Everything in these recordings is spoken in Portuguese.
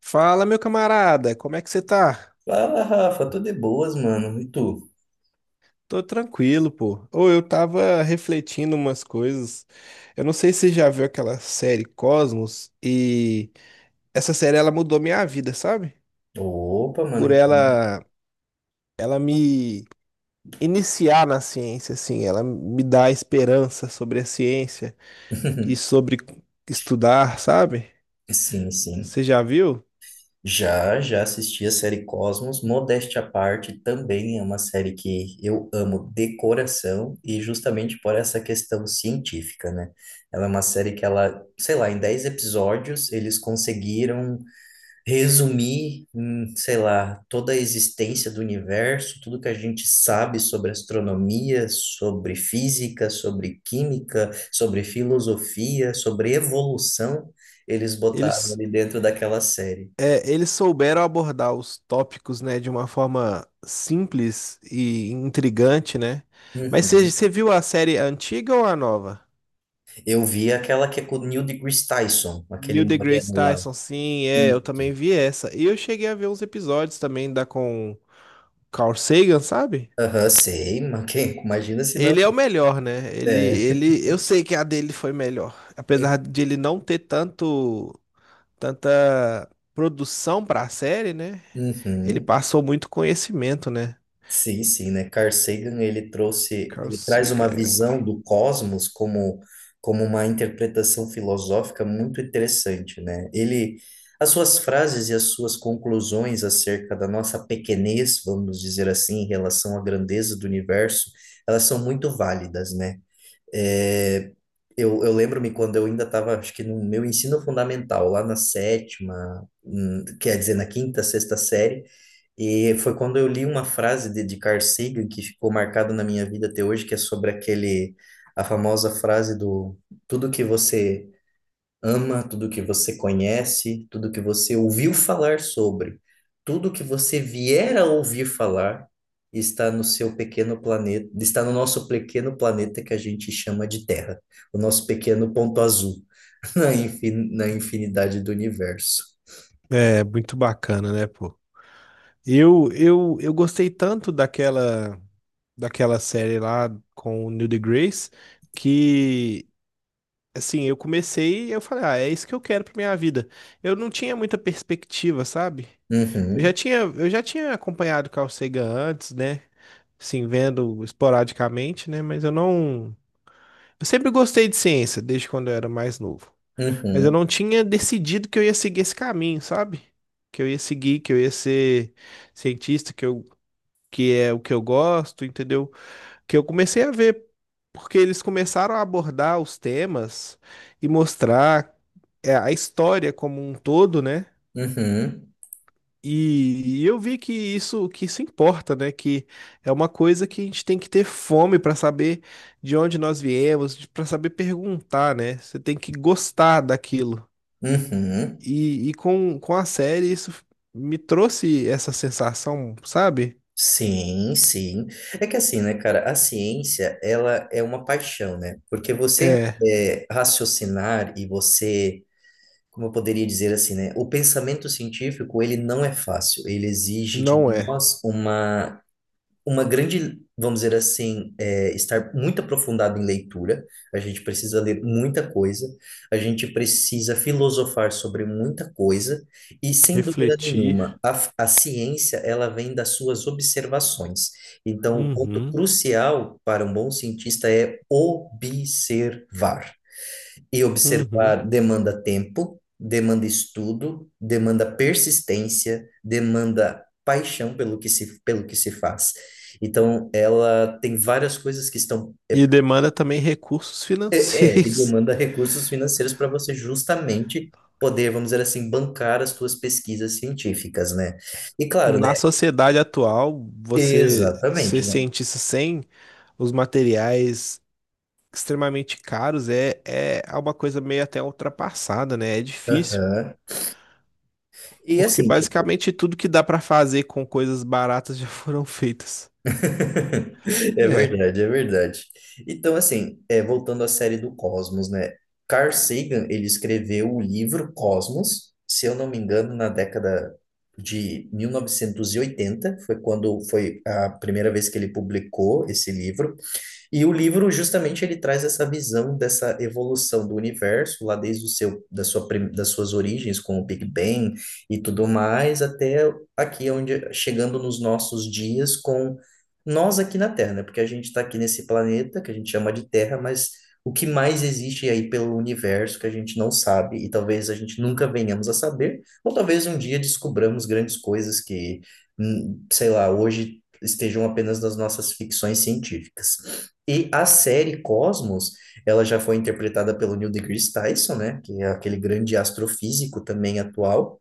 Fala, meu camarada, como é que você tá? Fala, Rafa, tô de boas, mano. E tu? Tô tranquilo, pô. Ou eu tava refletindo umas coisas. Eu não sei se você já viu aquela série Cosmos e essa série ela mudou minha vida, sabe? Opa, mano. Por ela me iniciar na ciência assim, ela me dá esperança sobre a ciência e sobre estudar, sabe? Sim, sim. Você já viu? Já assisti a série Cosmos. Modéstia à parte, também é uma série que eu amo de coração e justamente por essa questão científica, né? Ela é uma série que ela, sei lá, em 10 episódios eles conseguiram resumir em, sei lá, toda a existência do universo, tudo que a gente sabe sobre astronomia, sobre física, sobre química, sobre filosofia, sobre evolução, eles botaram Eles ali dentro daquela série. É, eles souberam abordar os tópicos, né, de uma forma simples e intrigante, né? Mas você Uhum. você viu a série antiga ou a nova? Eu vi aquela que é com o Neil deGrasse Tyson, aquele Neil deGrasse moreno lá. Tyson, sim, é, eu também Isso. vi essa. E eu cheguei a ver uns episódios também da com Carl Sagan, sabe? Aham, sei, mas quem, imagina se não. Ele é o melhor, né? É. Eu sei que a dele foi melhor, apesar de ele não ter tanta produção pra série, né? Ele Uhum. passou muito conhecimento, né? Sim, sim, né? Carl Sagan, ele trouxe, Carl ele traz uma Sagan. visão do cosmos como, como uma interpretação filosófica muito interessante, né? As suas frases e as suas conclusões acerca da nossa pequenez, vamos dizer assim, em relação à grandeza do universo, elas são muito válidas, né? É, eu lembro-me quando eu ainda estava, acho que no meu ensino fundamental, lá na sétima, quer dizer, na quinta, sexta série, e foi quando eu li uma frase de Carl Sagan que ficou marcada na minha vida até hoje, que é sobre aquele, a famosa frase do tudo que você ama, tudo que você conhece, tudo que você ouviu falar sobre, tudo que você vier a ouvir falar está no seu pequeno planeta, está no nosso pequeno planeta que a gente chama de Terra, o nosso pequeno ponto azul na infinidade do universo. É, muito bacana, né, pô? Eu gostei tanto daquela série lá com o Neil deGrasse que, assim, eu comecei e eu falei, ah, é isso que eu quero pra minha vida. Eu não tinha muita perspectiva, sabe? Eu já Uhum, tinha, eu já tinha acompanhado Carl Sagan antes, né? Assim, vendo esporadicamente, né? Mas eu não. Eu sempre gostei de ciência, desde quando eu era mais novo. Mas eu não uhum, tinha decidido que eu ia seguir esse caminho, sabe? Que eu ia seguir, que eu ia ser cientista, que é o que eu gosto, entendeu? Que eu comecei a ver, porque eles começaram a abordar os temas e mostrar é, a história como um todo, né? uhum, E eu vi que isso importa, né? Que é uma coisa que a gente tem que ter fome para saber de onde nós viemos, para saber perguntar, né? Você tem que gostar daquilo. uhum. E com a série, isso me trouxe essa sensação, sabe? Sim, sim. É que assim, né, cara, a ciência, ela é uma paixão, né? Porque você É, raciocinar e você, como eu poderia dizer assim, né, o pensamento científico, ele não é fácil, ele exige de não é. nós uma grande, vamos dizer assim, estar muito aprofundado em leitura. A gente precisa ler muita coisa, a gente precisa filosofar sobre muita coisa, e sem dúvida Refletir. nenhuma, a ciência ela vem das suas observações. Então, o ponto Uhum, crucial para um bom cientista é observar. E uhum. observar demanda tempo, demanda estudo, demanda persistência, demanda paixão pelo que se faz. Então, ela tem várias coisas que estão. É, E demanda também recursos é, e financeiros. demanda recursos financeiros para você justamente poder, vamos dizer assim, bancar as suas pesquisas científicas, né? E claro, Na né? sociedade atual, você ser Exatamente, né? cientista sem os materiais extremamente caros é, é uma coisa meio até ultrapassada, né? É difícil. Aham. E Porque assim, tipo, basicamente tudo que dá pra fazer com coisas baratas já foram feitas. é É. verdade, é verdade. Então, assim, é, voltando à série do Cosmos, né? Carl Sagan, ele escreveu o livro Cosmos, se eu não me engano, na década de 1980 foi quando foi a primeira vez que ele publicou esse livro. E o livro justamente ele traz essa visão dessa evolução do universo, lá desde o seu da sua prim- das suas origens com o Big Bang e tudo mais até aqui onde chegando nos nossos dias com nós aqui na Terra, né? Porque a gente está aqui nesse planeta que a gente chama de Terra, mas o que mais existe aí pelo universo que a gente não sabe e talvez a gente nunca venhamos a saber, ou talvez um dia descobramos grandes coisas que, sei lá, hoje estejam apenas nas nossas ficções científicas. E a série Cosmos, ela já foi interpretada pelo Neil deGrasse Tyson, né? Que é aquele grande astrofísico também atual,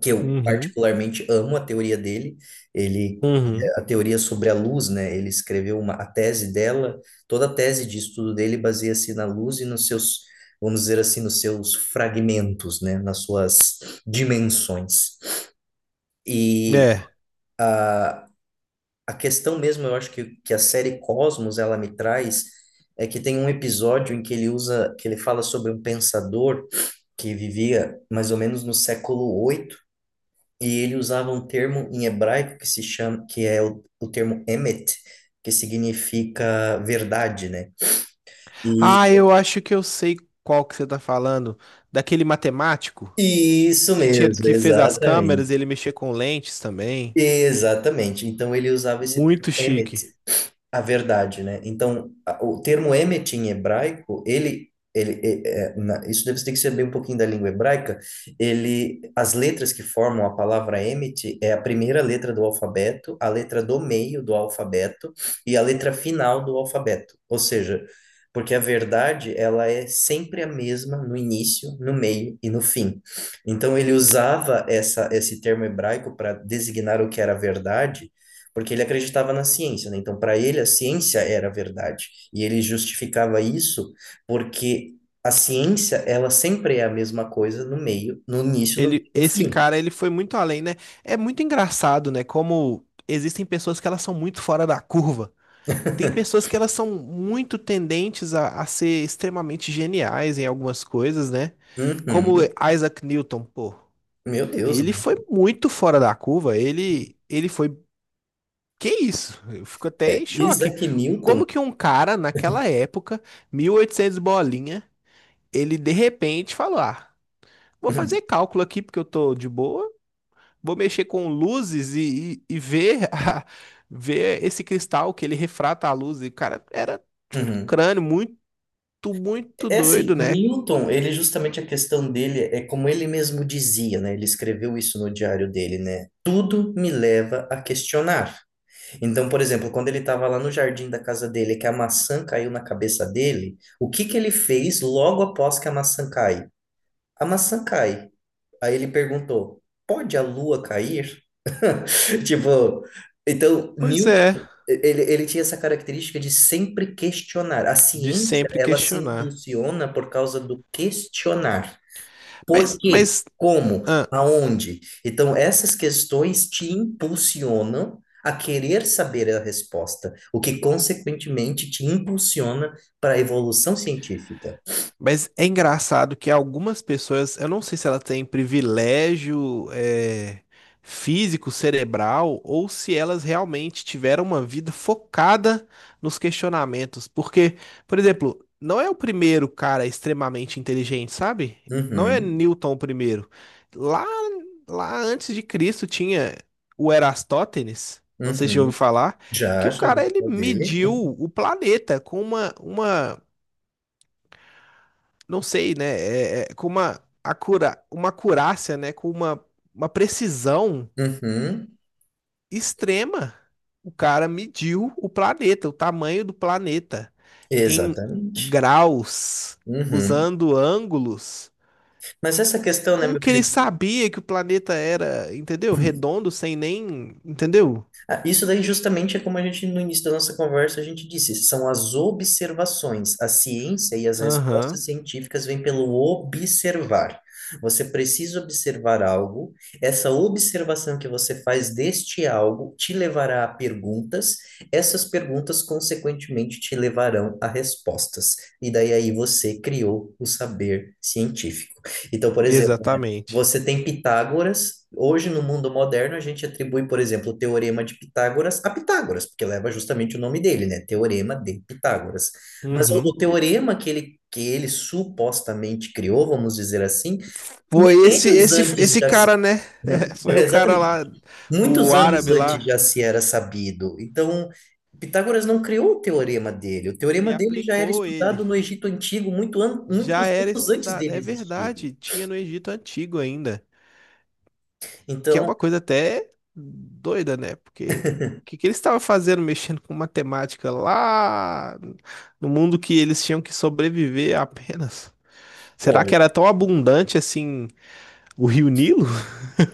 que eu Uhum. particularmente amo a teoria dele. Ele, Uhum. A teoria sobre a luz, né? Ele escreveu a tese dela, toda a tese de estudo dele baseia-se na luz e nos seus, vamos dizer assim, nos seus fragmentos, né? Nas suas dimensões. E É. a a questão mesmo, eu acho que a série Cosmos ela me traz é que tem um episódio em que ele usa, que ele fala sobre um pensador que vivia mais ou menos no século 8 e ele usava um termo em hebraico que se chama, que é o termo emet, que significa verdade, né? E Ah, eu acho que eu sei qual que você tá falando. Daquele matemático isso mesmo, que fez as câmeras, exatamente. ele mexia com lentes também. Exatamente. Então ele usava esse termo Muito emet chique. a verdade, né? Então, o termo emet em hebraico, ele é, isso deve ter que saber um pouquinho da língua hebraica. Ele, as letras que formam a palavra emet é a primeira letra do alfabeto, a letra do meio do alfabeto e a letra final do alfabeto. Ou seja, porque a verdade, ela é sempre a mesma no início, no meio e no fim. Então, ele usava essa, esse termo hebraico para designar o que era verdade porque ele acreditava na ciência, né? Então, para ele, a ciência era a verdade. E ele justificava isso porque a ciência, ela sempre é a mesma coisa no meio, no início, no meio, e no Esse fim. cara, ele foi muito além, né? É muito engraçado, né? Como existem pessoas que elas são muito fora da curva. Tem pessoas que elas são muito tendentes a ser extremamente geniais em algumas coisas, né? Como Uhum. Isaac Newton, pô. Meu Deus, Ele né? foi muito fora da curva. Ele foi Que isso? Eu fico até É, em choque. Isaac Newton. Como que um cara, naquela época, 1800 bolinha, ele de repente falou: Ah, vou fazer cálculo aqui porque eu tô de boa, vou mexer com luzes e ver, ver esse cristal que ele refrata a luz. E, cara, era um Uhum. crânio muito, muito É assim, doido, o né? Newton, ele justamente a questão dele é como ele mesmo dizia, né? Ele escreveu isso no diário dele, né? Tudo me leva a questionar. Então, por exemplo, quando ele estava lá no jardim da casa dele, que a maçã caiu na cabeça dele, o que que ele fez logo após que a maçã cai? A maçã cai. Aí ele perguntou: pode a lua cair? Tipo, então, Pois é, Newton, ele tinha essa característica de sempre questionar. A de ciência, sempre ela se questionar. impulsiona por causa do questionar. Por Mas, quê? mas, Como? ah, Aonde? Então, essas questões te impulsionam a querer saber a resposta, o que, consequentemente, te impulsiona para a evolução científica. Mas é engraçado que algumas pessoas, eu não sei se ela tem privilégio físico, cerebral, ou se elas realmente tiveram uma vida focada nos questionamentos. Porque, por exemplo, não é o primeiro cara extremamente inteligente, sabe? Não é Uhum, Newton o primeiro. Lá, lá antes de Cristo tinha o Erastótenes, não sei se já ouviu uhum. falar, que Já, o já cara ouvi ele falar dele. mediu o planeta com uma não sei, né? Com uma acurácia, né? Com uma precisão Uhum, extrema. O cara mediu o planeta, o tamanho do planeta, em exatamente. graus, Uhum. usando ângulos. Mas essa questão, né, Como meu que ele querido? sabia que o planeta era, entendeu? Redondo, sem nem. Entendeu? Ah, isso daí justamente é como a gente no início da nossa conversa a gente disse, são as observações. A ciência e as Aham, respostas científicas vêm pelo observar. Você precisa observar algo, essa observação que você faz deste algo te levará a perguntas, essas perguntas consequentemente te levarão a respostas. E daí aí você criou o saber científico. Então, por exemplo, exatamente. você tem Pitágoras. Hoje, no mundo moderno, a gente atribui, por exemplo, o teorema de Pitágoras a Pitágoras, porque leva justamente o nome dele, né? Teorema de Pitágoras. Mas o Uhum. teorema que ele supostamente criou, vamos dizer assim, Foi esse, milênios esse, antes esse já se... cara, né? Foi é, o cara exatamente. lá, o Muitos anos árabe antes lá. já se era sabido. Então, Pitágoras não criou o teorema dele. O Ele teorema dele já era aplicou ele. estudado no Egito Antigo Já muitos era anos antes estudado. dele É existir. verdade, tinha no Egito Antigo ainda. Que é Então, uma coisa até doida, né? Porque o que, que eles estavam fazendo mexendo com matemática lá no mundo que eles tinham que sobreviver apenas? Será olha, que era tão abundante assim o Rio Nilo?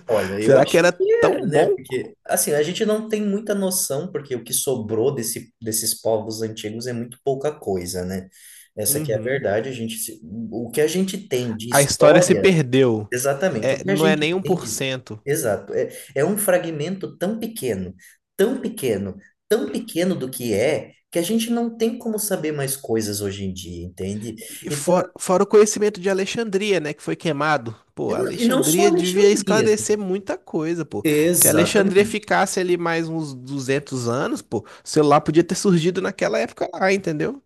olha, eu Será que acho era que era, tão né? bom? Porque, assim, a gente não tem muita noção, porque o que sobrou desses povos antigos é muito pouca coisa, né? Essa que é a Uhum. verdade, a gente, o que a gente tem de A história se história, perdeu. exatamente, o É, que a não é gente nem um tem por de, cento exato, é, é um fragmento tão pequeno, tão pequeno, tão pequeno do que é, que a gente não tem como saber mais coisas hoje em dia, entende? E Então, fora o conhecimento de Alexandria, né, que foi queimado. e Pô, não e não só Alexandria devia Alexandria, esclarecer muita coisa, pô. Se Alexandria exatamente. ficasse ali mais uns 200 anos, pô, o celular podia ter surgido naquela época lá, entendeu?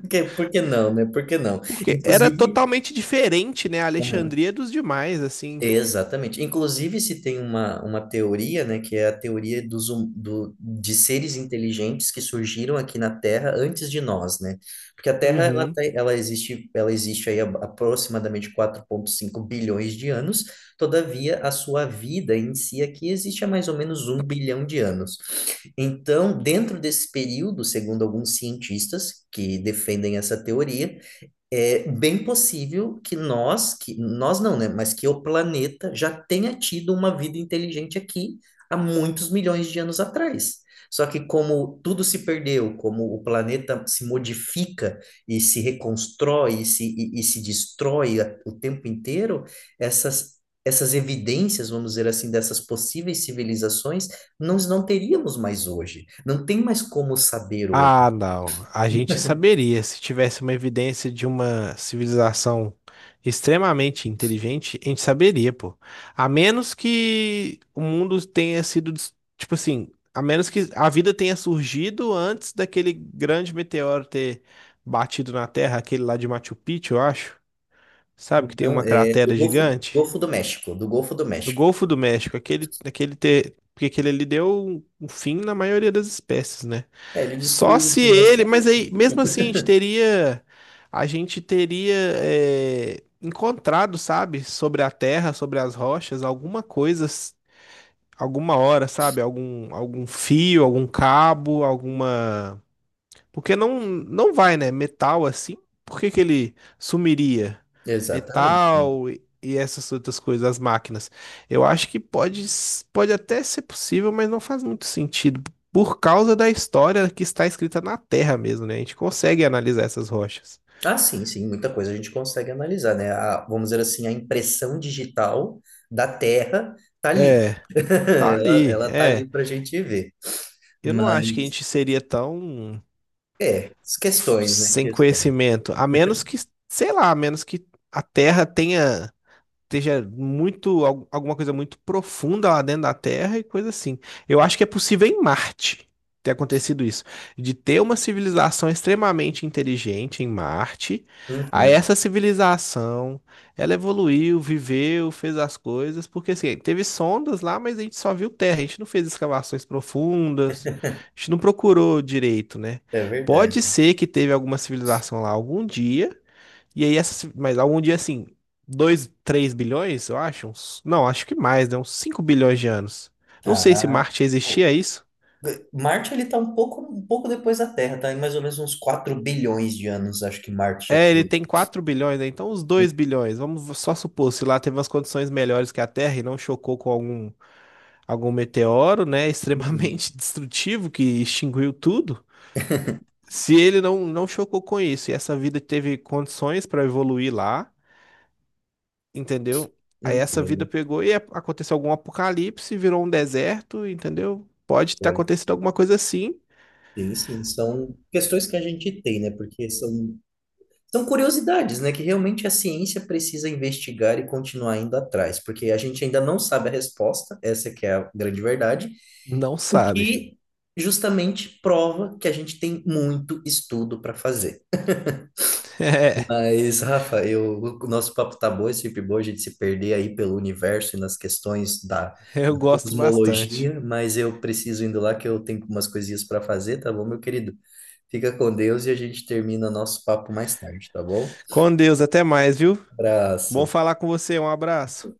Porque, por que não, né? Por que não? Porque era Inclusive, totalmente diferente, né, a aham, Alexandria dos demais, assim. exatamente. Inclusive, se tem uma teoria, né, que é a teoria dos, de seres inteligentes que surgiram aqui na Terra antes de nós, né? Porque a Terra, ela, Uhum. Ela existe, ela existe aí aproximadamente 4,5 bilhões de anos, todavia, a sua vida em si aqui existe há mais ou menos um bilhão de anos. Então, dentro desse período, segundo alguns cientistas que defendem essa teoria, é bem possível que nós não, né? Mas que o planeta já tenha tido uma vida inteligente aqui há muitos milhões de anos atrás. Só que como tudo se perdeu, como o planeta se modifica e se reconstrói e se destrói o tempo inteiro, essas, essas evidências, vamos dizer assim, dessas possíveis civilizações, nós não teríamos mais hoje. Não tem mais como saber hoje. Ah, não. A gente saberia se tivesse uma evidência de uma civilização extremamente inteligente, a gente saberia, pô. A menos que o mundo tenha sido, tipo assim, a menos que a vida tenha surgido antes daquele grande meteoro ter batido na Terra, aquele lá de Machu Picchu, eu acho. Sabe que tem Não, uma é cratera gigante? Golfo do México, do Golfo do No México. Golfo do México, porque aquele ali deu um fim na maioria das espécies, né? É, ele Só destruiu os se ele, mas dinossauros. aí, Tudo. mesmo assim, a gente teria encontrado, sabe, sobre a terra, sobre as rochas, alguma coisa, alguma hora, sabe? Algum, algum fio, algum cabo, alguma porque não, não vai, né? Metal assim, por que que ele sumiria? Exatamente. Metal e essas outras coisas, as máquinas. Eu acho que pode até ser possível, mas não faz muito sentido. Por causa da história que está escrita na Terra mesmo, né? A gente consegue analisar essas rochas. Ah, sim, sim, muita coisa a gente consegue analisar, né? A- vamos dizer assim, a impressão digital da Terra tá ali. É, tá Ela, ali, ela tá é. ali pra gente ver. Eu não acho que a Mas, gente seria tão é, as questões, né? sem Questões. conhecimento, a menos que, sei lá, a menos que a Terra tenha. Esteja muito, alguma coisa muito profunda lá dentro da Terra e coisa assim. Eu acho que é possível em Marte ter acontecido isso, de ter uma civilização extremamente inteligente em Marte, aí Uhum, essa civilização, ela evoluiu, viveu, fez as coisas, porque assim, teve sondas lá, mas a gente só viu terra, a gente não fez escavações profundas, a gente não procurou direito, né? é verdade. Pode ser que teve alguma civilização lá algum dia, e aí, essas, mas algum dia assim, 2 3 bilhões, eu acho? Não, acho que mais, né? Uns 5 bilhões de anos. Não sei se Ah, Marte existia o- é isso. Marte, ele tá um pouco depois da Terra, tá? Em mais ou menos uns 4 bilhões de anos, acho que Marte já tá É, ele aí. tem 4 bilhões, né? Então uns Uhum, 2 bilhões. Vamos só supor, se lá teve umas condições melhores que a Terra e não chocou com algum, algum meteoro, né? uhum, Extremamente destrutivo que extinguiu tudo. Se ele não chocou com isso e essa vida teve condições para evoluir lá. Entendeu? Aí essa vida entendo. pegou e aconteceu algum apocalipse, virou um deserto, entendeu? Pode ter Olha. acontecido alguma coisa assim, Sim, sim, são questões que a gente tem, né? Porque são curiosidades, né? Que realmente a ciência precisa investigar e continuar indo atrás, porque a gente ainda não sabe a resposta, essa que é a grande verdade, não o sabe. que justamente prova que a gente tem muito estudo para fazer. Mas, Rafa, eu, o nosso papo tá bom, é sempre bom a gente se perder aí pelo universo e nas questões da É, eu gosto bastante. cosmologia, mas eu preciso indo lá que eu tenho umas coisinhas para fazer, tá bom, meu querido? Fica com Deus e a gente termina nosso papo mais tarde, tá bom? Com Deus, até mais, viu? Bom Abraço. falar com você, um abraço.